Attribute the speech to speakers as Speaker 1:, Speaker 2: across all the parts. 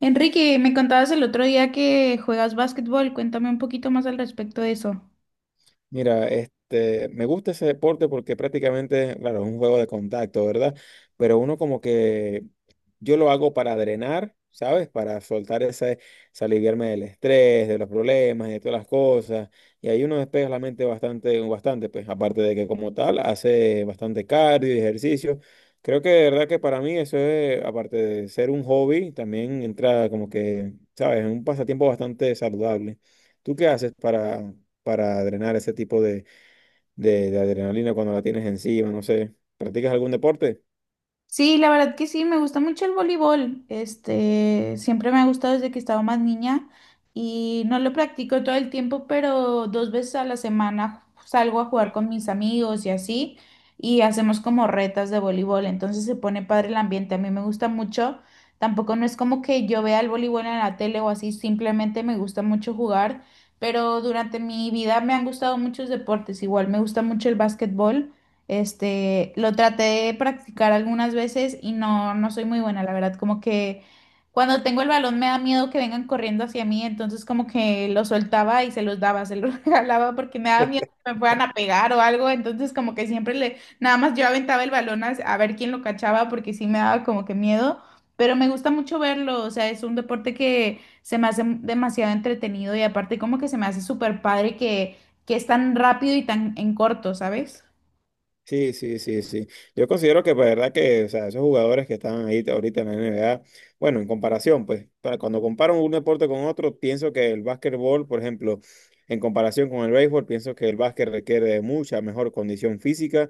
Speaker 1: Enrique, me contabas el otro día que juegas básquetbol, cuéntame un poquito más al respecto de eso.
Speaker 2: Mira, me gusta ese deporte porque prácticamente, claro, es un juego de contacto, ¿verdad? Pero uno como que yo lo hago para drenar, ¿sabes? Para soltar ese, se aliviarme del estrés, de los problemas, de todas las cosas. Y ahí uno despeja la mente bastante, bastante, pues, aparte de que como tal hace bastante cardio y ejercicio. Creo que de verdad que para mí eso es, aparte de ser un hobby, también entra como que, ¿sabes? En un pasatiempo bastante saludable. ¿Tú qué haces para drenar ese tipo de, de adrenalina cuando la tienes encima? No sé, ¿practicas algún deporte?
Speaker 1: Sí, la verdad que sí, me gusta mucho el voleibol. Siempre me ha gustado desde que estaba más niña y no lo practico todo el tiempo, pero dos veces a la semana salgo a jugar con mis amigos y así, y hacemos como retas de voleibol, entonces se pone padre el ambiente. A mí me gusta mucho. Tampoco no es como que yo vea el voleibol en la tele o así, simplemente me gusta mucho jugar, pero durante mi vida me han gustado muchos deportes. Igual me gusta mucho el básquetbol. Lo traté de practicar algunas veces y no soy muy buena, la verdad. Como que cuando tengo el balón me da miedo que vengan corriendo hacia mí, entonces como que lo soltaba y se los daba, se los regalaba porque me daba miedo que me fueran a pegar o algo. Entonces como que siempre le, nada más yo aventaba el balón a ver quién lo cachaba porque sí me daba como que miedo. Pero me gusta mucho verlo, o sea, es un deporte que se me hace demasiado entretenido y aparte como que se me hace súper padre que es tan rápido y tan en corto, ¿sabes?
Speaker 2: Sí, sí, sí, sí. Yo considero que, pues, verdad que, o sea, esos jugadores que están ahí ahorita en la NBA, bueno, en comparación, pues, para cuando comparo un deporte con otro, pienso que el básquetbol, por ejemplo, en comparación con el béisbol, pienso que el básquet requiere de mucha mejor condición física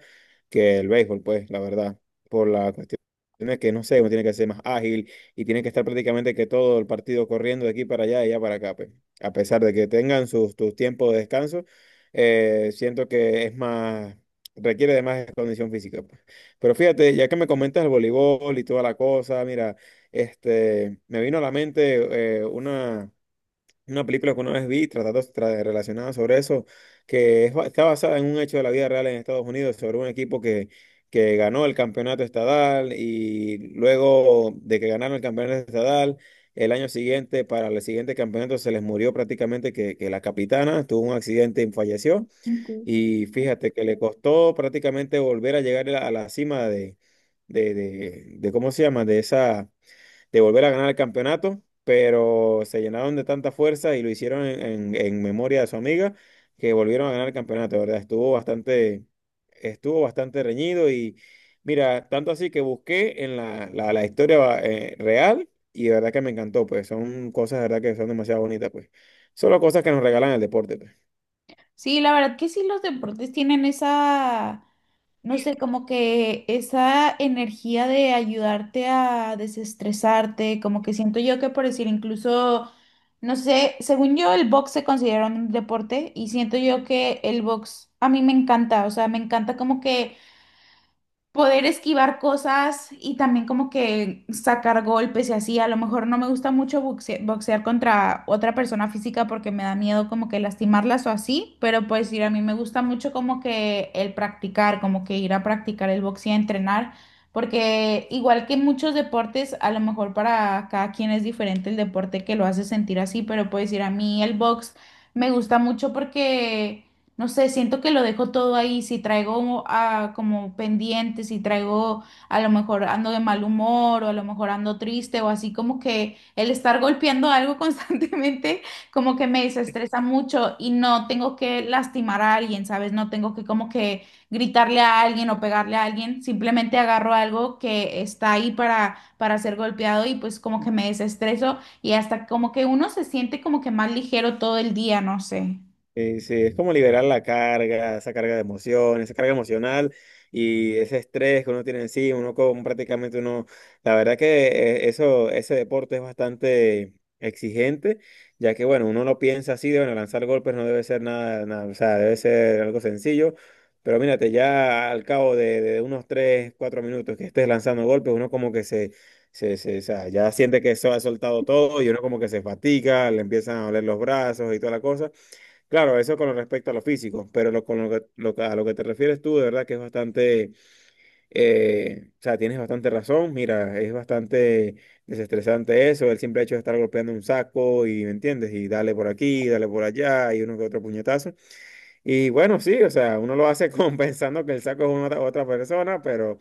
Speaker 2: que el béisbol, pues, la verdad, por la cuestión de que, no sé, uno tiene que ser más ágil y tiene que estar prácticamente que todo el partido corriendo de aquí para allá y allá para acá, pues, a pesar de que tengan tus tiempos de descanso. Siento que es más, requiere de más condición física, pues. Pero fíjate, ya que me comentas el voleibol y toda la cosa, mira, me vino a la mente una, película que una vez vi tratando relacionada sobre eso, que es está basada en un hecho de la vida real en Estados Unidos, sobre un equipo que, ganó el campeonato estadal y luego de que ganaron el campeonato estadal. El año siguiente, para el siguiente campeonato, se les murió prácticamente que, la capitana tuvo un accidente y falleció. Y fíjate que le costó prácticamente volver a llegar a la cima de, ¿cómo se llama? De esa, de volver a ganar el campeonato, pero se llenaron de tanta fuerza y lo hicieron en, en memoria de su amiga que volvieron a ganar el campeonato, ¿verdad? Estuvo bastante reñido y mira, tanto así que busqué en la historia real y de verdad que me encantó, pues son cosas de verdad que son demasiado bonitas, pues. Solo cosas que nos regalan el deporte, pues.
Speaker 1: Sí, la verdad que sí, los deportes tienen esa, no sé, como que esa energía de ayudarte a desestresarte, como que siento yo que por decir incluso, no sé, según yo el box se considera un deporte y siento yo que el box a mí me encanta, o sea, me encanta como que poder esquivar cosas y también como que sacar golpes y así. A lo mejor no me gusta mucho boxear contra otra persona física porque me da miedo como que lastimarlas o así, pero pues ir a mí me gusta mucho como que el practicar, como que ir a practicar el boxeo, entrenar, porque igual que muchos deportes, a lo mejor para cada quien es diferente el deporte que lo hace sentir así, pero pues ir a mí el box me gusta mucho porque... No sé, siento que lo dejo todo ahí. Si traigo como pendiente, si traigo, a lo mejor ando de mal humor o a lo mejor ando triste o así como que el estar golpeando algo constantemente como que me desestresa mucho y no tengo que lastimar a alguien, ¿sabes? No tengo que como que gritarle a alguien o pegarle a alguien. Simplemente agarro algo que está ahí para ser golpeado y pues como que me desestreso y hasta como que uno se siente como que más ligero todo el día, no sé.
Speaker 2: Sí, sí, es como liberar la carga, esa carga de emociones, esa carga emocional y ese estrés que uno tiene encima, uno como prácticamente uno, la verdad que ese deporte es bastante exigente, ya que bueno, uno no piensa así de bueno, lanzar golpes no debe ser nada, nada, o sea, debe ser algo sencillo, pero mírate, ya al cabo de unos 3 4 minutos que estés lanzando golpes, uno como que se, o sea, ya siente que eso ha soltado todo y uno como que se fatiga, le empiezan a doler los brazos y toda la cosa. Claro, eso con respecto a lo físico, pero lo, con lo que- a lo que te refieres tú, de verdad que es bastante, o sea, tienes bastante razón, mira, es bastante desestresante eso, el simple hecho de estar golpeando un saco y, ¿me entiendes? Y dale por aquí, dale por allá, y uno que otro puñetazo. Y bueno, sí, o sea, uno lo hace con, pensando que el saco es otra persona, pero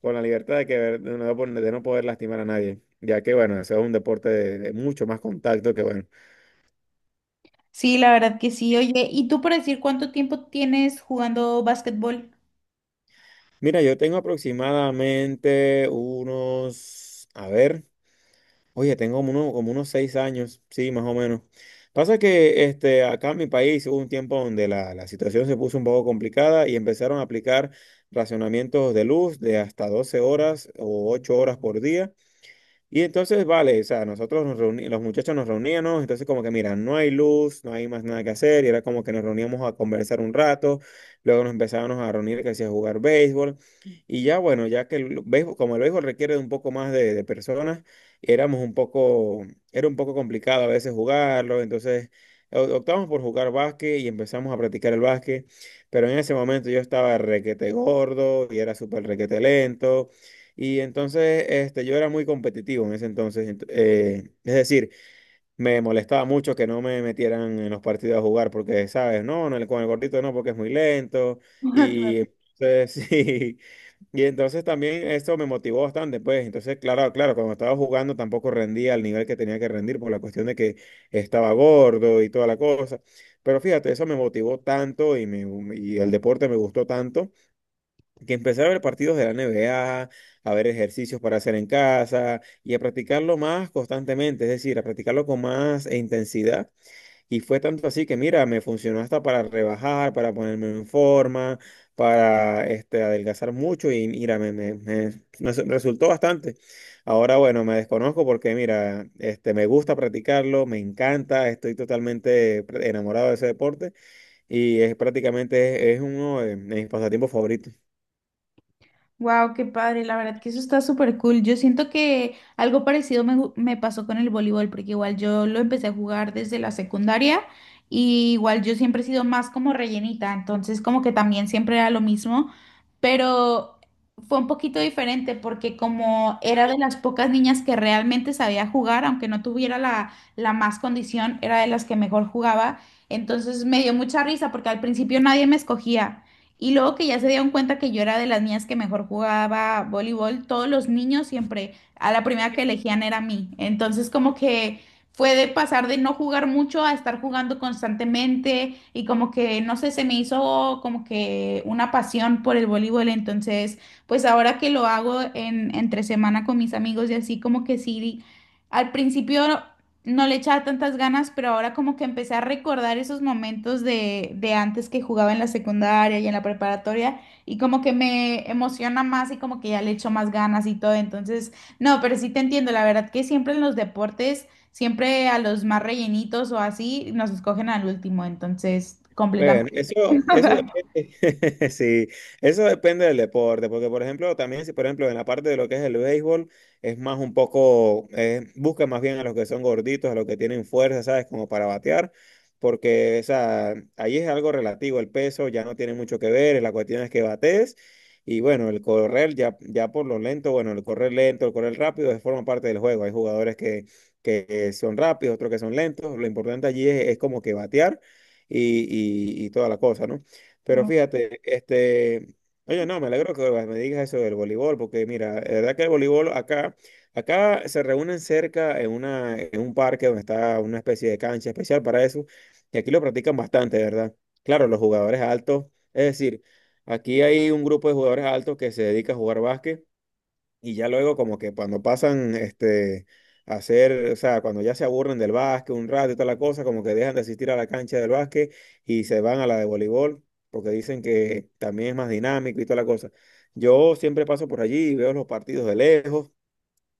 Speaker 2: con la libertad de, de no, poder lastimar a nadie, ya que bueno, eso es un deporte de, mucho más contacto que bueno.
Speaker 1: Sí, la verdad que sí. Oye, ¿y tú por decir cuánto tiempo tienes jugando básquetbol?
Speaker 2: Mira, yo tengo aproximadamente unos, a ver, oye, tengo como, como unos 6 años, sí, más o menos. Pasa que acá en mi país hubo un tiempo donde la situación se puso un poco complicada y empezaron a aplicar racionamientos de luz de hasta 12 horas o 8 horas por día. Y entonces, vale, o sea, nosotros los muchachos nos reuníamos, entonces como que, mira, no hay luz, no hay más nada que hacer, y era como que nos reuníamos a conversar un rato, luego nos empezábamos a reunir, que hacía jugar béisbol, y ya bueno, ya que el béisbol, como el béisbol requiere de un poco más de, personas, éramos un poco, era un poco complicado a veces jugarlo, entonces optamos por jugar básquet y empezamos a practicar el básquet, pero en ese momento yo estaba requete gordo y era súper requete lento. Y entonces yo era muy competitivo en ese entonces. Es decir, me molestaba mucho que no me metieran en los partidos a jugar porque, ¿sabes? No, no, con el gordito no, porque es muy lento. Y entonces, sí. Y entonces también esto me motivó bastante, pues. Entonces, claro, claro, cuando estaba jugando tampoco rendía al nivel que tenía que rendir por la cuestión de que estaba gordo y toda la cosa. Pero fíjate, eso me motivó tanto y, me, y el deporte me gustó tanto que empezar a ver partidos de la NBA, a ver ejercicios para hacer en casa y a practicarlo más constantemente, es decir, a practicarlo con más intensidad. Y fue tanto así que, mira, me funcionó hasta para rebajar, para ponerme en forma, para adelgazar mucho y mira, me- me- me- su- resultó bastante. Ahora, bueno, me desconozco porque, mira, me gusta practicarlo, me encanta, estoy totalmente enamorado de ese deporte y es prácticamente es uno de mis pasatiempos favoritos.
Speaker 1: Wow, qué padre, la verdad que eso está súper cool. Yo siento que algo parecido me, me pasó con el voleibol, porque igual yo lo empecé a jugar desde la secundaria y igual yo siempre he sido más como rellenita, entonces como que también siempre era lo mismo, pero fue un poquito diferente porque como era de las pocas niñas que realmente sabía jugar, aunque no tuviera la, la más condición, era de las que mejor jugaba, entonces me dio mucha risa porque al principio nadie me escogía. Y luego que ya se dieron cuenta que yo era de las niñas que mejor jugaba voleibol, todos los niños siempre a la primera que elegían era a mí. Entonces como que fue de pasar de no jugar mucho a estar jugando constantemente y como que, no sé, se me hizo como que una pasión por el voleibol. Entonces, pues ahora que lo hago en, entre semana con mis amigos y así como que sí, al principio no le echaba tantas ganas, pero ahora como que empecé a recordar esos momentos de antes que jugaba en la secundaria y en la preparatoria y como que me emociona más y como que ya le echo más ganas y todo. Entonces, no, pero sí te entiendo, la verdad que siempre en los deportes, siempre a los más rellenitos o así, nos escogen al último, entonces, completamente.
Speaker 2: Bueno, eso depende, sí, eso depende del deporte, porque por ejemplo, también si por ejemplo en la parte de lo que es el béisbol, es más un poco, busca más bien a los que son gorditos, a los que tienen fuerza, ¿sabes? Como para batear, porque o sea, ahí es algo relativo, el peso ya no tiene mucho que ver, la cuestión es que bates, y bueno, el correr ya, ya por lo lento, bueno, el correr lento, el correr rápido, es forma parte del juego, hay jugadores que, son rápidos, otros que son lentos, lo importante allí es como que batear y, y toda la cosa, ¿no? Pero fíjate, oye, no, me alegro que me digas eso del voleibol, porque mira, la verdad que el voleibol acá se reúnen cerca en una, en un parque donde está una especie de cancha especial para eso, y aquí lo practican bastante, ¿verdad? Claro, los jugadores altos, es decir, aquí hay un grupo de jugadores altos que se dedica a jugar básquet y ya luego como que cuando pasan a hacer, o sea, cuando ya se aburren del básquet un rato y toda la cosa, como que dejan de asistir a la cancha del básquet y se van a la de voleibol, porque dicen que también es más dinámico y toda la cosa. Yo siempre paso por allí y veo los partidos de lejos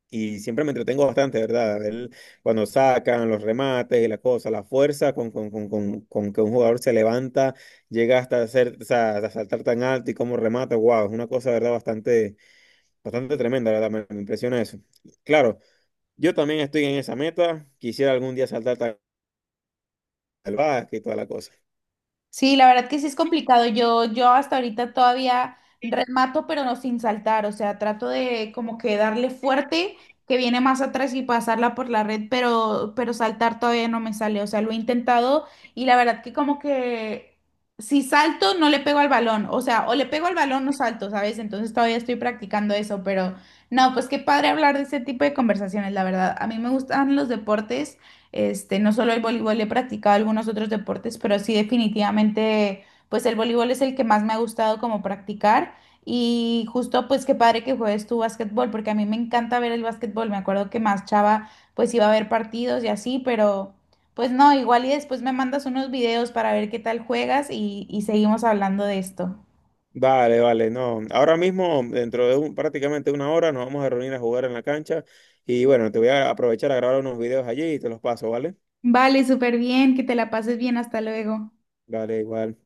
Speaker 2: y siempre me entretengo bastante, ¿verdad? A ver cuando sacan los remates y la cosa, la fuerza con, que un jugador se levanta, llega hasta hacer, o sea, hasta saltar tan alto y cómo remata, wow, es una cosa, ¿verdad? Bastante tremenda, la verdad, me impresiona eso. Claro, yo también estoy en esa meta. Quisiera algún día saltar al básquet y toda la cosa.
Speaker 1: Sí, la verdad que sí es complicado. Yo hasta ahorita todavía remato, pero no sin saltar. O sea, trato de como que darle fuerte, que viene más atrás y pasarla por la red, pero saltar todavía no me sale. O sea, lo he intentado y la verdad que como que si salto, no le pego al balón. O sea, o le pego al balón o salto, ¿sabes? Entonces todavía estoy practicando eso, pero no, pues qué padre hablar de este tipo de conversaciones, la verdad. A mí me gustan los deportes. No solo el voleibol, he practicado algunos otros deportes, pero sí definitivamente, pues el voleibol es el que más me ha gustado como practicar. Y justo, pues qué padre que juegues tu básquetbol, porque a mí me encanta ver el básquetbol. Me acuerdo que más chava, pues iba a ver partidos y así, pero pues no, igual y después me mandas unos videos para ver qué tal juegas y seguimos hablando de esto.
Speaker 2: Vale, vale, no. Ahora mismo, dentro de prácticamente una hora, nos vamos a reunir a jugar en la cancha. Y bueno, te voy a aprovechar a grabar unos videos allí y te los paso, ¿vale?
Speaker 1: Vale, súper bien, que te la pases bien, hasta luego.
Speaker 2: Vale, igual.